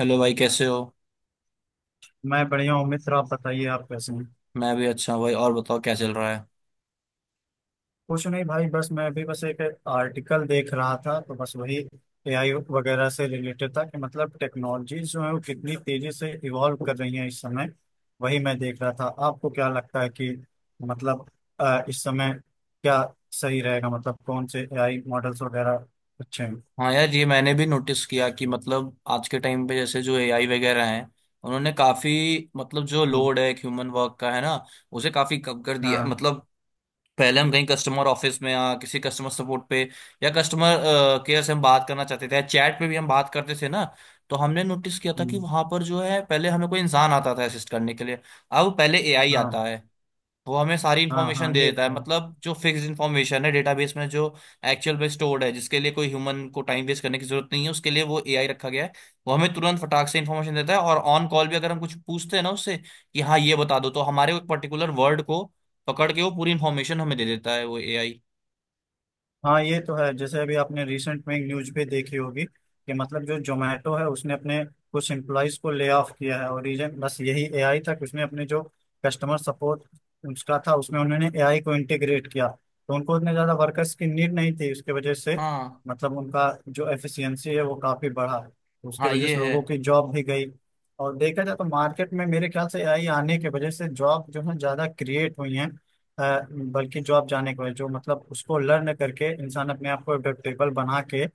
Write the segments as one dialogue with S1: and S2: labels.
S1: Hello भाई, कैसे हो।
S2: मैं बढ़िया हूँ मित्र। आप बताइए, आप कैसे हैं?
S1: मैं भी अच्छा हूँ भाई। और बताओ क्या चल रहा है।
S2: कुछ नहीं भाई, बस मैं अभी बस एक आर्टिकल देख रहा था, तो बस वही एआई वगैरह से रिलेटेड था कि मतलब टेक्नोलॉजी जो है वो कितनी तेजी से इवॉल्व कर रही है इस समय। वही मैं देख रहा था। आपको क्या लगता है कि मतलब इस समय क्या सही रहेगा, मतलब कौन से एआई मॉडल्स वगैरह अच्छे हैं?
S1: हाँ यार, ये मैंने भी नोटिस किया कि मतलब आज के टाइम पे जैसे जो एआई वगैरह हैं, उन्होंने काफी मतलब जो
S2: हम्म,
S1: लोड है ह्यूमन वर्क का है ना, उसे काफी कम कर दिया।
S2: हाँ।
S1: मतलब पहले हम कहीं कस्टमर ऑफिस में या किसी कस्टमर सपोर्ट पे या कस्टमर केयर से हम बात करना चाहते थे या चैट पे भी हम बात करते थे ना, तो हमने नोटिस किया था कि
S2: हम्म,
S1: वहां पर जो है पहले हमें कोई इंसान आता था असिस्ट करने के लिए। अब पहले एआई आता
S2: हाँ
S1: है, वो हमें सारी
S2: हाँ।
S1: इन्फॉर्मेशन
S2: हाँ
S1: दे
S2: ये
S1: देता है।
S2: तो है।
S1: मतलब जो फिक्स इन्फॉर्मेशन है डेटाबेस में जो एक्चुअल में स्टोर्ड है, जिसके लिए कोई ह्यूमन को टाइम वेस्ट करने की जरूरत नहीं है, उसके लिए वो एआई रखा गया है। वो हमें तुरंत फटाक से इन्फॉर्मेशन देता है, और ऑन कॉल भी अगर हम कुछ पूछते हैं ना उससे कि हाँ ये बता दो, तो हमारे एक पर्टिकुलर वर्ड को पकड़ के वो पूरी इन्फॉर्मेशन हमें दे देता है वो एआई।
S2: हाँ ये तो है। जैसे अभी आपने रिसेंट में एक न्यूज पे देखी होगी कि मतलब जो जोमेटो है उसने अपने कुछ एम्प्लॉयज को ले ऑफ किया है, और रीजन बस यही एआई था कि उसने अपने जो कस्टमर सपोर्ट उसका था उसमें उन्होंने एआई को इंटीग्रेट किया, तो उनको उतने ज्यादा वर्कर्स की नीड नहीं थी उसके वजह से।
S1: हाँ
S2: मतलब उनका जो एफिशिएंसी है वो काफी बढ़ा, तो उसके
S1: हाँ
S2: वजह
S1: ये
S2: से
S1: है।
S2: लोगों की जॉब भी गई। और देखा जाए तो मार्केट में मेरे ख्याल से एआई आने की वजह से जॉब जो है ज्यादा क्रिएट हुई हैं। अ, बल्कि जॉब जाने के बाद जो मतलब उसको लर्न करके इंसान अपने आप को एडेप्टेबल बना के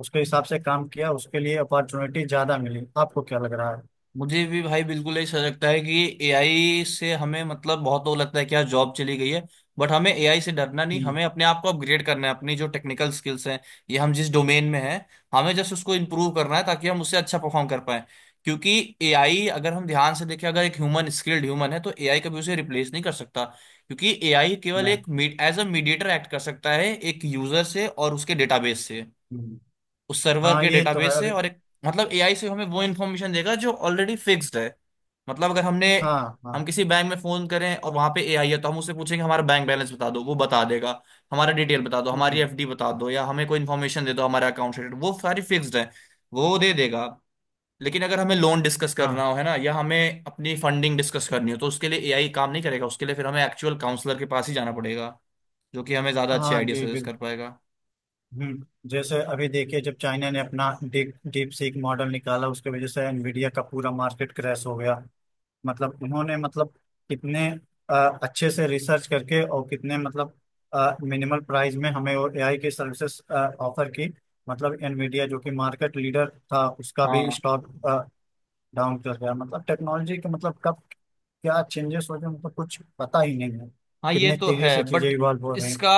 S2: उसके हिसाब से काम किया, उसके लिए अपॉर्चुनिटी ज्यादा मिली। आपको क्या लग रहा है?
S1: मुझे भी भाई बिल्कुल ऐसा लगता है कि एआई से हमें मतलब बहुत वो लगता है कि यार जॉब चली गई है, बट हमें एआई से डरना नहीं,
S2: हम्म,
S1: हमें अपने आप को अपग्रेड करना है। अपनी जो टेक्निकल स्किल्स हैं, ये हम जिस डोमेन में हैं, हमें जस्ट उसको इम्प्रूव करना है ताकि हम उससे अच्छा परफॉर्म कर पाए। क्योंकि एआई अगर हम ध्यान से देखें, अगर एक ह्यूमन स्किल्ड ह्यूमन है तो एआई कभी उसे रिप्लेस नहीं कर सकता। क्योंकि एआई केवल
S2: नहीं।
S1: एक एज अ मीडिएटर एक्ट कर सकता है, एक यूजर से और उसके डेटाबेस से,
S2: हम्म,
S1: उस सर्वर
S2: हाँ
S1: के
S2: ये तो है
S1: डेटाबेस से।
S2: अभी।
S1: और एक मतलब एआई से हमें वो इन्फॉर्मेशन देगा जो ऑलरेडी फिक्स्ड है। मतलब अगर हमने
S2: हाँ हाँ।
S1: हम किसी बैंक में फोन करें और वहां पे एआई है, तो हम उससे पूछेंगे हमारा बैंक बैलेंस बता दो, वो बता देगा। हमारा डिटेल बता दो, हमारी
S2: हम्म,
S1: एफडी बता दो, या हमें कोई इन्फॉर्मेशन दे दो हमारा अकाउंट से related, वो सारी फिक्स्ड है, वो दे देगा। लेकिन अगर हमें लोन डिस्कस करना
S2: हाँ।
S1: हो है ना, या हमें अपनी फंडिंग डिस्कस करनी हो, तो उसके लिए एआई काम नहीं करेगा। उसके लिए फिर हमें एक्चुअल काउंसलर के पास ही जाना पड़ेगा, जो कि हमें ज्यादा अच्छे
S2: हाँ
S1: आइडिया
S2: जी
S1: सजेस्ट कर
S2: बिल्कुल।
S1: पाएगा।
S2: हम्म, जैसे अभी देखिए जब चाइना ने अपना डीप डीप सीक मॉडल निकाला, उसके वजह से एनवीडिया का पूरा मार्केट क्रैश हो गया। मतलब इन्होंने मतलब कितने अ, अच्छे से रिसर्च करके और कितने मतलब मिनिमल प्राइस में हमें वो एआई की सर्विसेज ऑफर की। मतलब एनवीडिया जो कि मार्केट लीडर था उसका भी
S1: हाँ
S2: स्टॉक डाउन कर गया। मतलब टेक्नोलॉजी के मतलब कब क्या चेंजेस हो गए, मतलब कुछ पता ही नहीं है
S1: हाँ ये
S2: कितनी
S1: तो
S2: तेजी
S1: है
S2: से चीजें
S1: बट।
S2: इवॉल्व हो रही हैं।
S1: इसका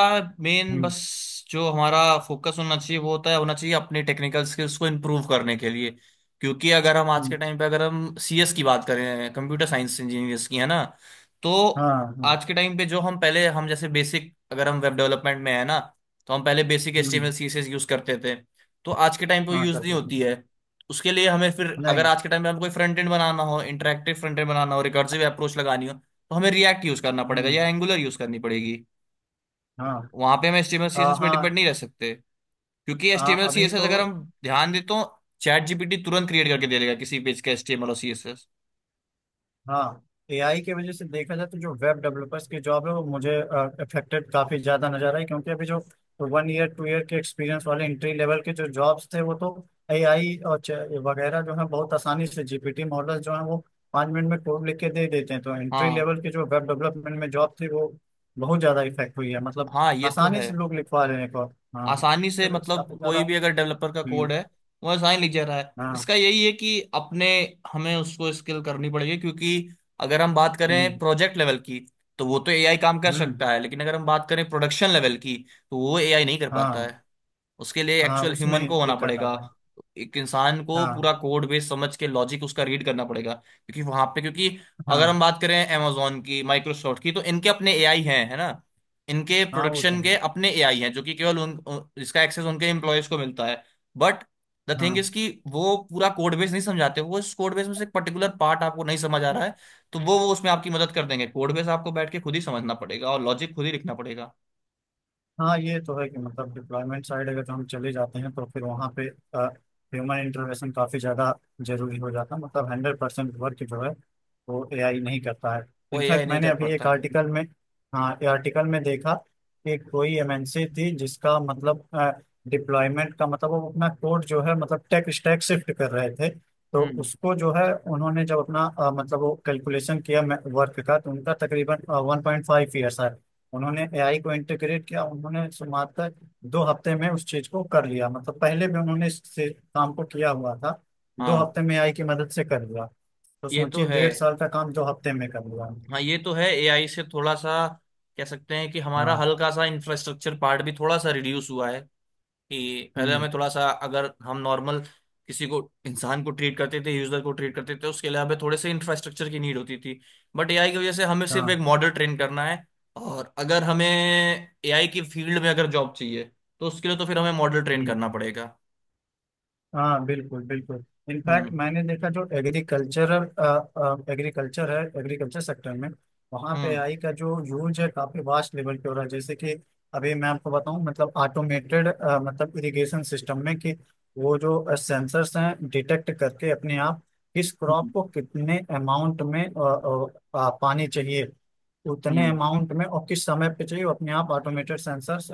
S1: मेन
S2: हम्म।
S1: बस जो हमारा फोकस होना चाहिए वो होता है, होना चाहिए अपने टेक्निकल स्किल्स को इम्प्रूव करने के लिए। क्योंकि अगर हम आज के
S2: हम्म,
S1: टाइम पे अगर हम सीएस की बात करें, कंप्यूटर साइंस इंजीनियर्स की, है ना, तो
S2: हाँ हाँ।
S1: आज के टाइम पे जो हम पहले हम जैसे बेसिक, अगर हम वेब डेवलपमेंट में है ना, तो हम पहले बेसिक एचटीएमएल
S2: हम्म,
S1: सीएसएस यूज करते थे, तो आज के टाइम पे
S2: हाँ
S1: यूज
S2: कर
S1: नहीं
S2: देते
S1: होती
S2: हैं।
S1: है। उसके लिए हमें फिर, अगर
S2: नहीं।
S1: आज के टाइम पे हम कोई फ्रंट एंड बनाना हो, इंटरेक्टिव फ्रंट एंड बनाना हो, रिकर्सिव अप्रोच लगानी हो, तो हमें रिएक्ट यूज करना पड़ेगा या
S2: हम्म।
S1: एंगुलर यूज करनी पड़ेगी।
S2: हाँ।
S1: वहां पे हम एचटीएमएल सीएसएस पे
S2: हाँ।
S1: डिपेंड नहीं रह सकते, क्योंकि
S2: हाँ
S1: एचटीएमएल
S2: अभी
S1: सीएसएस
S2: तो।
S1: अगर हम ध्यान दें, तो चैट जीपीटी तुरंत क्रिएट करके दे देगा किसी पेज का एचटीएमएल और सीएसएस।
S2: हाँ, एआई के वजह से देखा जाए तो जो वेब डेवलपर्स की जॉब है वो मुझे अफेक्टेड काफी ज्यादा नजर आई, क्योंकि अभी जो वन ईयर टू ईयर के एक्सपीरियंस वाले एंट्री लेवल के जो जॉब्स थे वो तो एआई और वगैरह जो है बहुत आसानी से जीपीटी मॉडल्स जो है वो पाँच मिनट में कोड लिख के दे देते हैं, तो एंट्री
S1: हाँ
S2: लेवल के जो वेब डेवलपमेंट में जॉब थी वो बहुत ज्यादा इफेक्ट हुई है। मतलब
S1: हाँ ये तो
S2: आसानी
S1: है।
S2: से लोग लिखवा रहे हैं कोड। हाँ
S1: आसानी
S2: उसके
S1: से
S2: वजह से
S1: मतलब
S2: काफी ज्यादा
S1: कोई भी अगर डेवलपर का
S2: हुई।
S1: कोड है, वो आसानी लिख जा रहा है।
S2: हाँ।
S1: इसका यही है कि अपने हमें उसको स्किल करनी पड़ेगी, क्योंकि अगर हम बात करें
S2: हम्म।
S1: प्रोजेक्ट लेवल की, तो वो तो एआई काम कर
S2: हम्म।
S1: सकता है। लेकिन अगर हम बात करें प्रोडक्शन लेवल की, तो वो एआई नहीं कर पाता
S2: हाँ
S1: है। उसके लिए
S2: हाँ।
S1: एक्चुअल ह्यूमन
S2: उसमें
S1: को होना
S2: दिक्कत
S1: पड़ेगा।
S2: आता है।
S1: एक इंसान को पूरा
S2: हाँ
S1: कोड बेस समझ के लॉजिक उसका रीड करना पड़ेगा, क्योंकि वहां पे क्योंकि अगर हम
S2: हाँ।
S1: बात करें amazon की, माइक्रोसॉफ्ट की, तो इनके अपने एआई हैं है ना। इनके
S2: हाँ वो तो
S1: प्रोडक्शन के
S2: है।
S1: अपने एआई हैं, जो कि केवल उन उन- इसका एक्सेस उनके एम्प्लॉयज को मिलता है। बट द थिंग इज
S2: हाँ।
S1: कि वो पूरा कोड बेस नहीं समझाते। वो इस कोड बेस में से एक पर्टिकुलर पार्ट आपको नहीं समझ आ रहा है, तो वो उसमें आपकी मदद कर देंगे। कोड बेस आपको बैठ के खुद ही समझना पड़ेगा और लॉजिक खुद ही लिखना पड़ेगा।
S2: हाँ ये तो है कि मतलब डिप्लॉयमेंट साइड अगर हम चले जाते हैं तो फिर वहाँ पे ह्यूमन इंटरवेंशन काफ़ी ज़्यादा जरूरी हो जाता है। मतलब हंड्रेड परसेंट वर्क जो है वो एआई नहीं करता है।
S1: वो एआई
S2: इनफैक्ट
S1: नहीं
S2: मैंने
S1: कर
S2: अभी
S1: पाता
S2: एक
S1: है।
S2: आर्टिकल में हाँ ये आर्टिकल में देखा कि कोई एमएनसी थी जिसका मतलब डिप्लॉयमेंट का मतलब वो अपना कोड जो है मतलब टेक स्टैक शिफ्ट कर रहे थे तो
S1: हम्म।
S2: उसको जो है उन्होंने जब अपना मतलब वो कैलकुलेशन किया वर्क का, तो उनका तकरीबन वन पॉइंट फाइव ईयर्स है उन्होंने एआई को इंटीग्रेट किया, उन्होंने मात्र दो हफ्ते में उस चीज को कर लिया। मतलब पहले भी उन्होंने इस से काम को किया हुआ था। दो
S1: हाँ
S2: हफ्ते में एआई की मदद से कर लिया। तो
S1: ये तो
S2: सोचिए,
S1: है।
S2: डेढ़ साल का काम दो हफ्ते में कर लिया।
S1: हाँ ये तो है एआई से थोड़ा सा कह सकते हैं कि हमारा
S2: हाँ।
S1: हल्का सा इंफ्रास्ट्रक्चर पार्ट भी थोड़ा सा रिड्यूस हुआ है। कि पहले
S2: हम्म।
S1: हमें थोड़ा सा, अगर हम नॉर्मल किसी को, इंसान को ट्रीट करते थे, यूजर को ट्रीट करते थे, उसके लिए हमें थोड़े से इंफ्रास्ट्रक्चर की नीड होती थी। बट एआई की वजह से हमें सिर्फ एक
S2: हाँ।
S1: मॉडल ट्रेन करना है। और अगर हमें एआई की फील्ड में अगर जॉब चाहिए, तो उसके लिए तो फिर हमें मॉडल ट्रेन
S2: हम्म।
S1: करना पड़ेगा।
S2: हाँ बिल्कुल बिल्कुल। इनफैक्ट
S1: हम्म।
S2: मैंने देखा जो एग्रीकल्चर एग्रीकल्चर है, एग्रीकल्चर सेक्टर में वहाँ पे
S1: हम्म।
S2: आई का जो यूज है काफी वास्ट लेवल पे हो रहा है। जैसे कि अभी मैं आपको बताऊँ मतलब ऑटोमेटेड मतलब इरिगेशन सिस्टम में कि वो जो सेंसर्स हैं डिटेक्ट करके अपने आप किस क्रॉप
S1: हम्म।
S2: को कितने अमाउंट में पानी चाहिए उतने
S1: हम्म,
S2: अमाउंट में और किस समय पे चाहिए, वो अपने आप ऑटोमेटेड सेंसर्स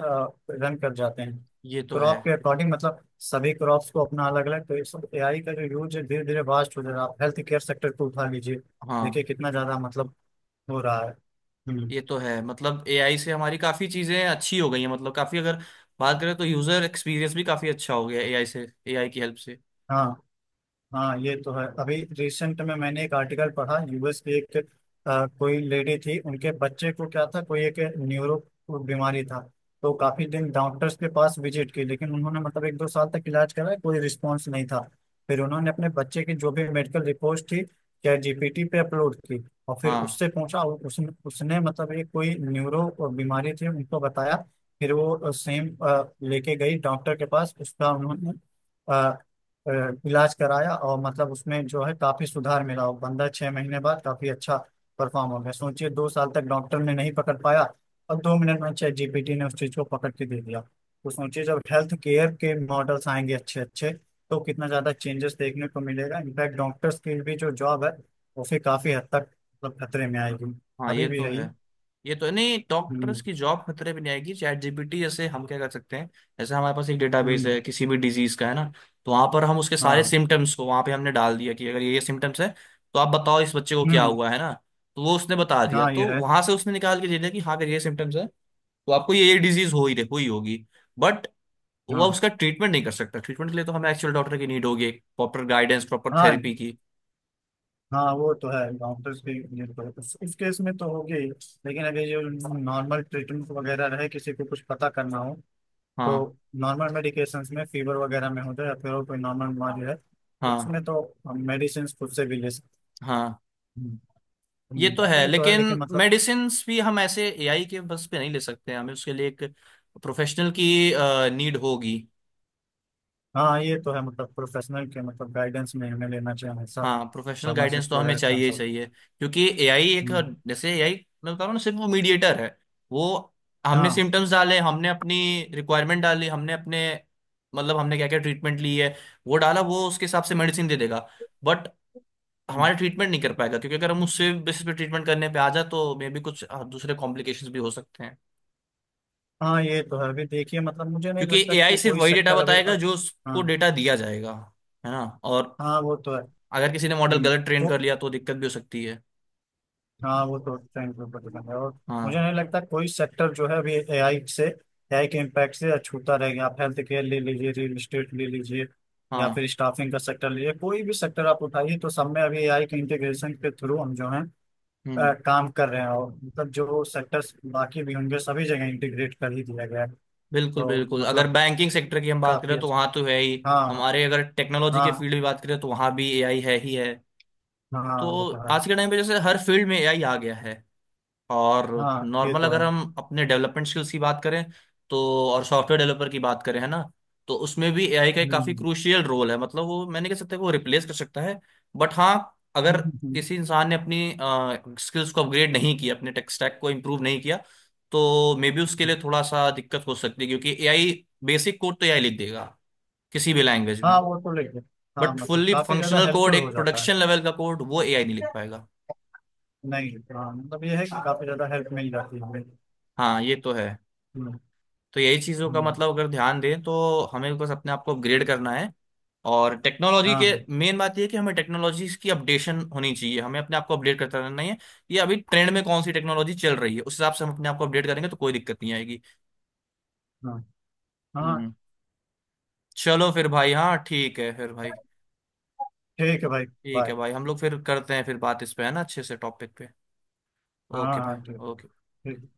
S2: रन कर जाते हैं
S1: ये तो है।
S2: क्रॉप के अकॉर्डिंग। मतलब सभी क्रॉप्स को अपना अलग अलग, तो ये सब एआई का जो यूज है धीरे धीरे वास्ट हो जा रहा है। आप हेल्थ केयर सेक्टर को उठा लीजिए,
S1: हाँ
S2: देखिए कितना ज्यादा मतलब हो रहा है। हम्म।
S1: ये तो है, मतलब एआई से हमारी काफी चीजें अच्छी हो गई हैं। मतलब काफी अगर बात करें, तो यूजर एक्सपीरियंस भी काफी अच्छा हो गया एआई से, एआई की हेल्प से।
S2: हाँ। हाँ ये तो है। अभी रिसेंट में मैंने एक आर्टिकल पढ़ा, यूएस की एक कोई लेडी थी उनके बच्चे को क्या था कोई एक न्यूरो बीमारी था। तो काफी दिन डॉक्टर्स के पास विजिट की लेकिन उन्होंने मतलब एक दो साल तक इलाज कराया, कोई रिस्पॉन्स नहीं था। फिर उन्होंने अपने बच्चे की जो भी मेडिकल रिपोर्ट थी चैट जीपीटी पे अपलोड की और फिर
S1: हाँ
S2: उससे पूछा और उसने उसने मतलब ये कोई न्यूरो बीमारी थी उनको बताया। फिर वो सेम लेके गई डॉक्टर के पास, उसका उन्होंने अ, इलाज कराया और मतलब उसमें जो है काफी सुधार मिला और बंदा छह महीने बाद काफी अच्छा परफॉर्म हो गया। सोचिए, दो साल तक डॉक्टर ने नहीं पकड़ पाया और दो मिनट में चैट जीपीटी ने उस चीज को पकड़ के दे दिया। तो सोचिए जब हेल्थ केयर के मॉडल्स आएंगे अच्छे अच्छे, तो कितना ज्यादा चेंजेस देखने को मिलेगा। इनफैक्ट डॉक्टर्स की भी जो जॉब है वो फिर काफी हद तक मतलब खतरे में आएगी।
S1: हाँ
S2: अभी
S1: ये
S2: भी
S1: तो
S2: है
S1: है।
S2: ये।
S1: ये तो है। नहीं, डॉक्टर्स
S2: हम्म।
S1: की जॉब खतरे में नहीं आएगी। चैट जीपीटी जैसे हम क्या कर सकते हैं, जैसे हमारे पास एक डेटाबेस
S2: हम्म।
S1: है किसी भी डिजीज का है ना, तो वहां पर हम उसके सारे
S2: हाँ।
S1: सिम्टम्स को वहां पे हमने डाल दिया, कि अगर ये ये सिम्टम्स है, तो आप बताओ इस बच्चे को क्या
S2: हम्म।
S1: हुआ है ना, तो वो उसने बता दिया।
S2: हाँ ये
S1: तो
S2: है।
S1: वहां से उसने निकाल के दे दिया कि हाँ अगर ये सिम्टम्स है, तो आपको ये डिजीज हुई होगी। बट वह
S2: हाँ
S1: उसका ट्रीटमेंट नहीं कर सकता। ट्रीटमेंट के लिए तो हमें एक्चुअल डॉक्टर की नीड होगी, प्रॉपर गाइडेंस, प्रॉपर
S2: हाँ।
S1: थेरेपी की।
S2: हाँ वो तो है। डॉक्टर्स के लिए तो इस केस में तो होगी ही। लेकिन अगर ये नॉर्मल ट्रीटमेंट वगैरह रहे किसी को कुछ पता करना हो,
S1: हाँ
S2: तो नॉर्मल मेडिकेशन में फीवर वगैरह में हो जाए या फिर और कोई नॉर्मल बीमारी है तो
S1: हाँ
S2: उसमें तो हम मेडिसिन खुद से भी ले सकते
S1: हाँ
S2: हैं।
S1: ये तो है।
S2: ये तो है
S1: लेकिन
S2: लेकिन मतलब
S1: मेडिसिन भी हम ऐसे एआई के बस पे नहीं ले सकते हैं। हमें उसके लिए एक प्रोफेशनल की नीड होगी।
S2: हाँ ये तो है। मतलब प्रोफेशनल के मतलब गाइडेंस में हमें लेना चाहिए हमेशा
S1: हाँ प्रोफेशनल गाइडेंस
S2: फार्मासिस्ट
S1: तो हमें
S2: वगैरह से
S1: चाहिए ही
S2: कंसल्ट।
S1: चाहिए, क्योंकि एआई एक,
S2: हम्म,
S1: जैसे एआई, मैं बता रहा हूँ ना, सिर्फ वो मीडिएटर है। वो हमने
S2: हाँ।
S1: सिम्टम्स डाले, हमने अपनी रिक्वायरमेंट डाली, हमने अपने मतलब हमने क्या क्या ट्रीटमेंट ली है, वो डाला, वो उसके हिसाब से मेडिसिन दे देगा। बट
S2: हम्म,
S1: हमारे ट्रीटमेंट नहीं कर पाएगा, क्योंकि अगर हम उससे बेसिस पे ट्रीटमेंट करने पे आ जाए, तो मे भी कुछ दूसरे कॉम्प्लिकेशंस भी हो सकते हैं।
S2: हाँ ये तो है। अभी देखिए मतलब मुझे नहीं
S1: क्योंकि
S2: लगता
S1: एआई
S2: कि
S1: सिर्फ
S2: कोई
S1: वही डेटा
S2: सेक्टर अभी
S1: बताएगा जो उसको
S2: हाँ।
S1: डेटा दिया जाएगा, है ना। और
S2: हाँ वो तो है।
S1: अगर किसी ने मॉडल
S2: हम्म,
S1: गलत ट्रेन कर
S2: तो
S1: लिया, तो दिक्कत भी हो सकती है।
S2: हाँ वो तो उसका इम्प्रूवमेंट दिखेंगे। और मुझे
S1: हाँ
S2: नहीं लगता कोई सेक्टर जो है अभी एआई से एआई के इम्पैक्ट से अछूता रह गया। आप हेल्थ केयर ले लीजिए, रियल इस्टेट ले लीजिए, या
S1: हाँ।
S2: फिर स्टाफिंग का सेक्टर लीजिए, कोई भी सेक्टर आप उठाइए तो सब में अभी एआई के इंटीग्रेशन के थ्रू हम जो है
S1: हम्म।
S2: काम कर रहे हैं, और मतलब जो सेक्टर्स बाकी भी होंगे सभी जगह इंटीग्रेट कर ही दिया गया है।
S1: बिल्कुल
S2: तो
S1: बिल्कुल, अगर
S2: मतलब
S1: बैंकिंग सेक्टर की हम बात
S2: काफी
S1: करें, तो वहाँ
S2: अच्छा।
S1: तो है ही।
S2: हाँ
S1: हमारे अगर टेक्नोलॉजी के
S2: हाँ।
S1: फील्ड में बात करें, तो वहाँ भी एआई है ही है।
S2: हाँ वो
S1: तो
S2: तो है।
S1: आज के टाइम पे जैसे हर फील्ड में एआई आ गया है। और
S2: हाँ ये
S1: नॉर्मल
S2: तो
S1: अगर
S2: है।
S1: हम अपने डेवलपमेंट स्किल्स की बात करें, तो और सॉफ्टवेयर डेवलपर की बात करें है ना, तो उसमें भी एआई का एक
S2: हम्म।
S1: काफी
S2: हम्म।
S1: क्रूशियल रोल है। मतलब वो मैंने कह सकता है कि वो रिप्लेस कर सकता है। बट हाँ, अगर
S2: हम्म। हम्म।
S1: किसी इंसान ने अपनी स्किल्स को अपग्रेड नहीं किया, अपने टेक स्टैक को इम्प्रूव नहीं किया, तो मे बी उसके लिए थोड़ा सा दिक्कत हो सकती है। क्योंकि एआई बेसिक कोड तो एआई लिख देगा किसी भी लैंग्वेज
S2: हाँ
S1: में,
S2: वो तो लेके हाँ
S1: बट
S2: मतलब
S1: फुल्ली
S2: काफी ज्यादा
S1: फंक्शनल कोड,
S2: हेल्पफुल हो
S1: एक
S2: जाता है।
S1: प्रोडक्शन लेवल का कोड, वो एआई नहीं लिख पाएगा।
S2: नहीं, हाँ मतलब ये है कि काफी ज्यादा हेल्प मिल जाती है हमें।
S1: हाँ ये तो है।
S2: हम्म,
S1: तो यही चीज़ों का
S2: हम्म,
S1: मतलब, अगर ध्यान दें, तो हमें बस अपने आप को अपग्रेड करना है। और टेक्नोलॉजी के
S2: हाँ
S1: मेन बात यह है कि हमें टेक्नोलॉजीज की अपडेशन होनी चाहिए, हमें अपने आप को अपडेट करता रहना है। ये अभी ट्रेंड में कौन सी टेक्नोलॉजी चल रही है, उस हिसाब से हम अपने आप को अपडेट करेंगे तो कोई दिक्कत नहीं आएगी।
S2: हाँ। हाँ
S1: हम्म। चलो फिर भाई। हाँ ठीक है फिर भाई।
S2: ठीक है भाई,
S1: ठीक
S2: बाय।
S1: है भाई, हम लोग फिर करते हैं फिर बात इस पे, है ना, अच्छे से टॉपिक पे।
S2: हाँ
S1: ओके भाई।
S2: हाँ ठीक।
S1: ओके।
S2: ठीक।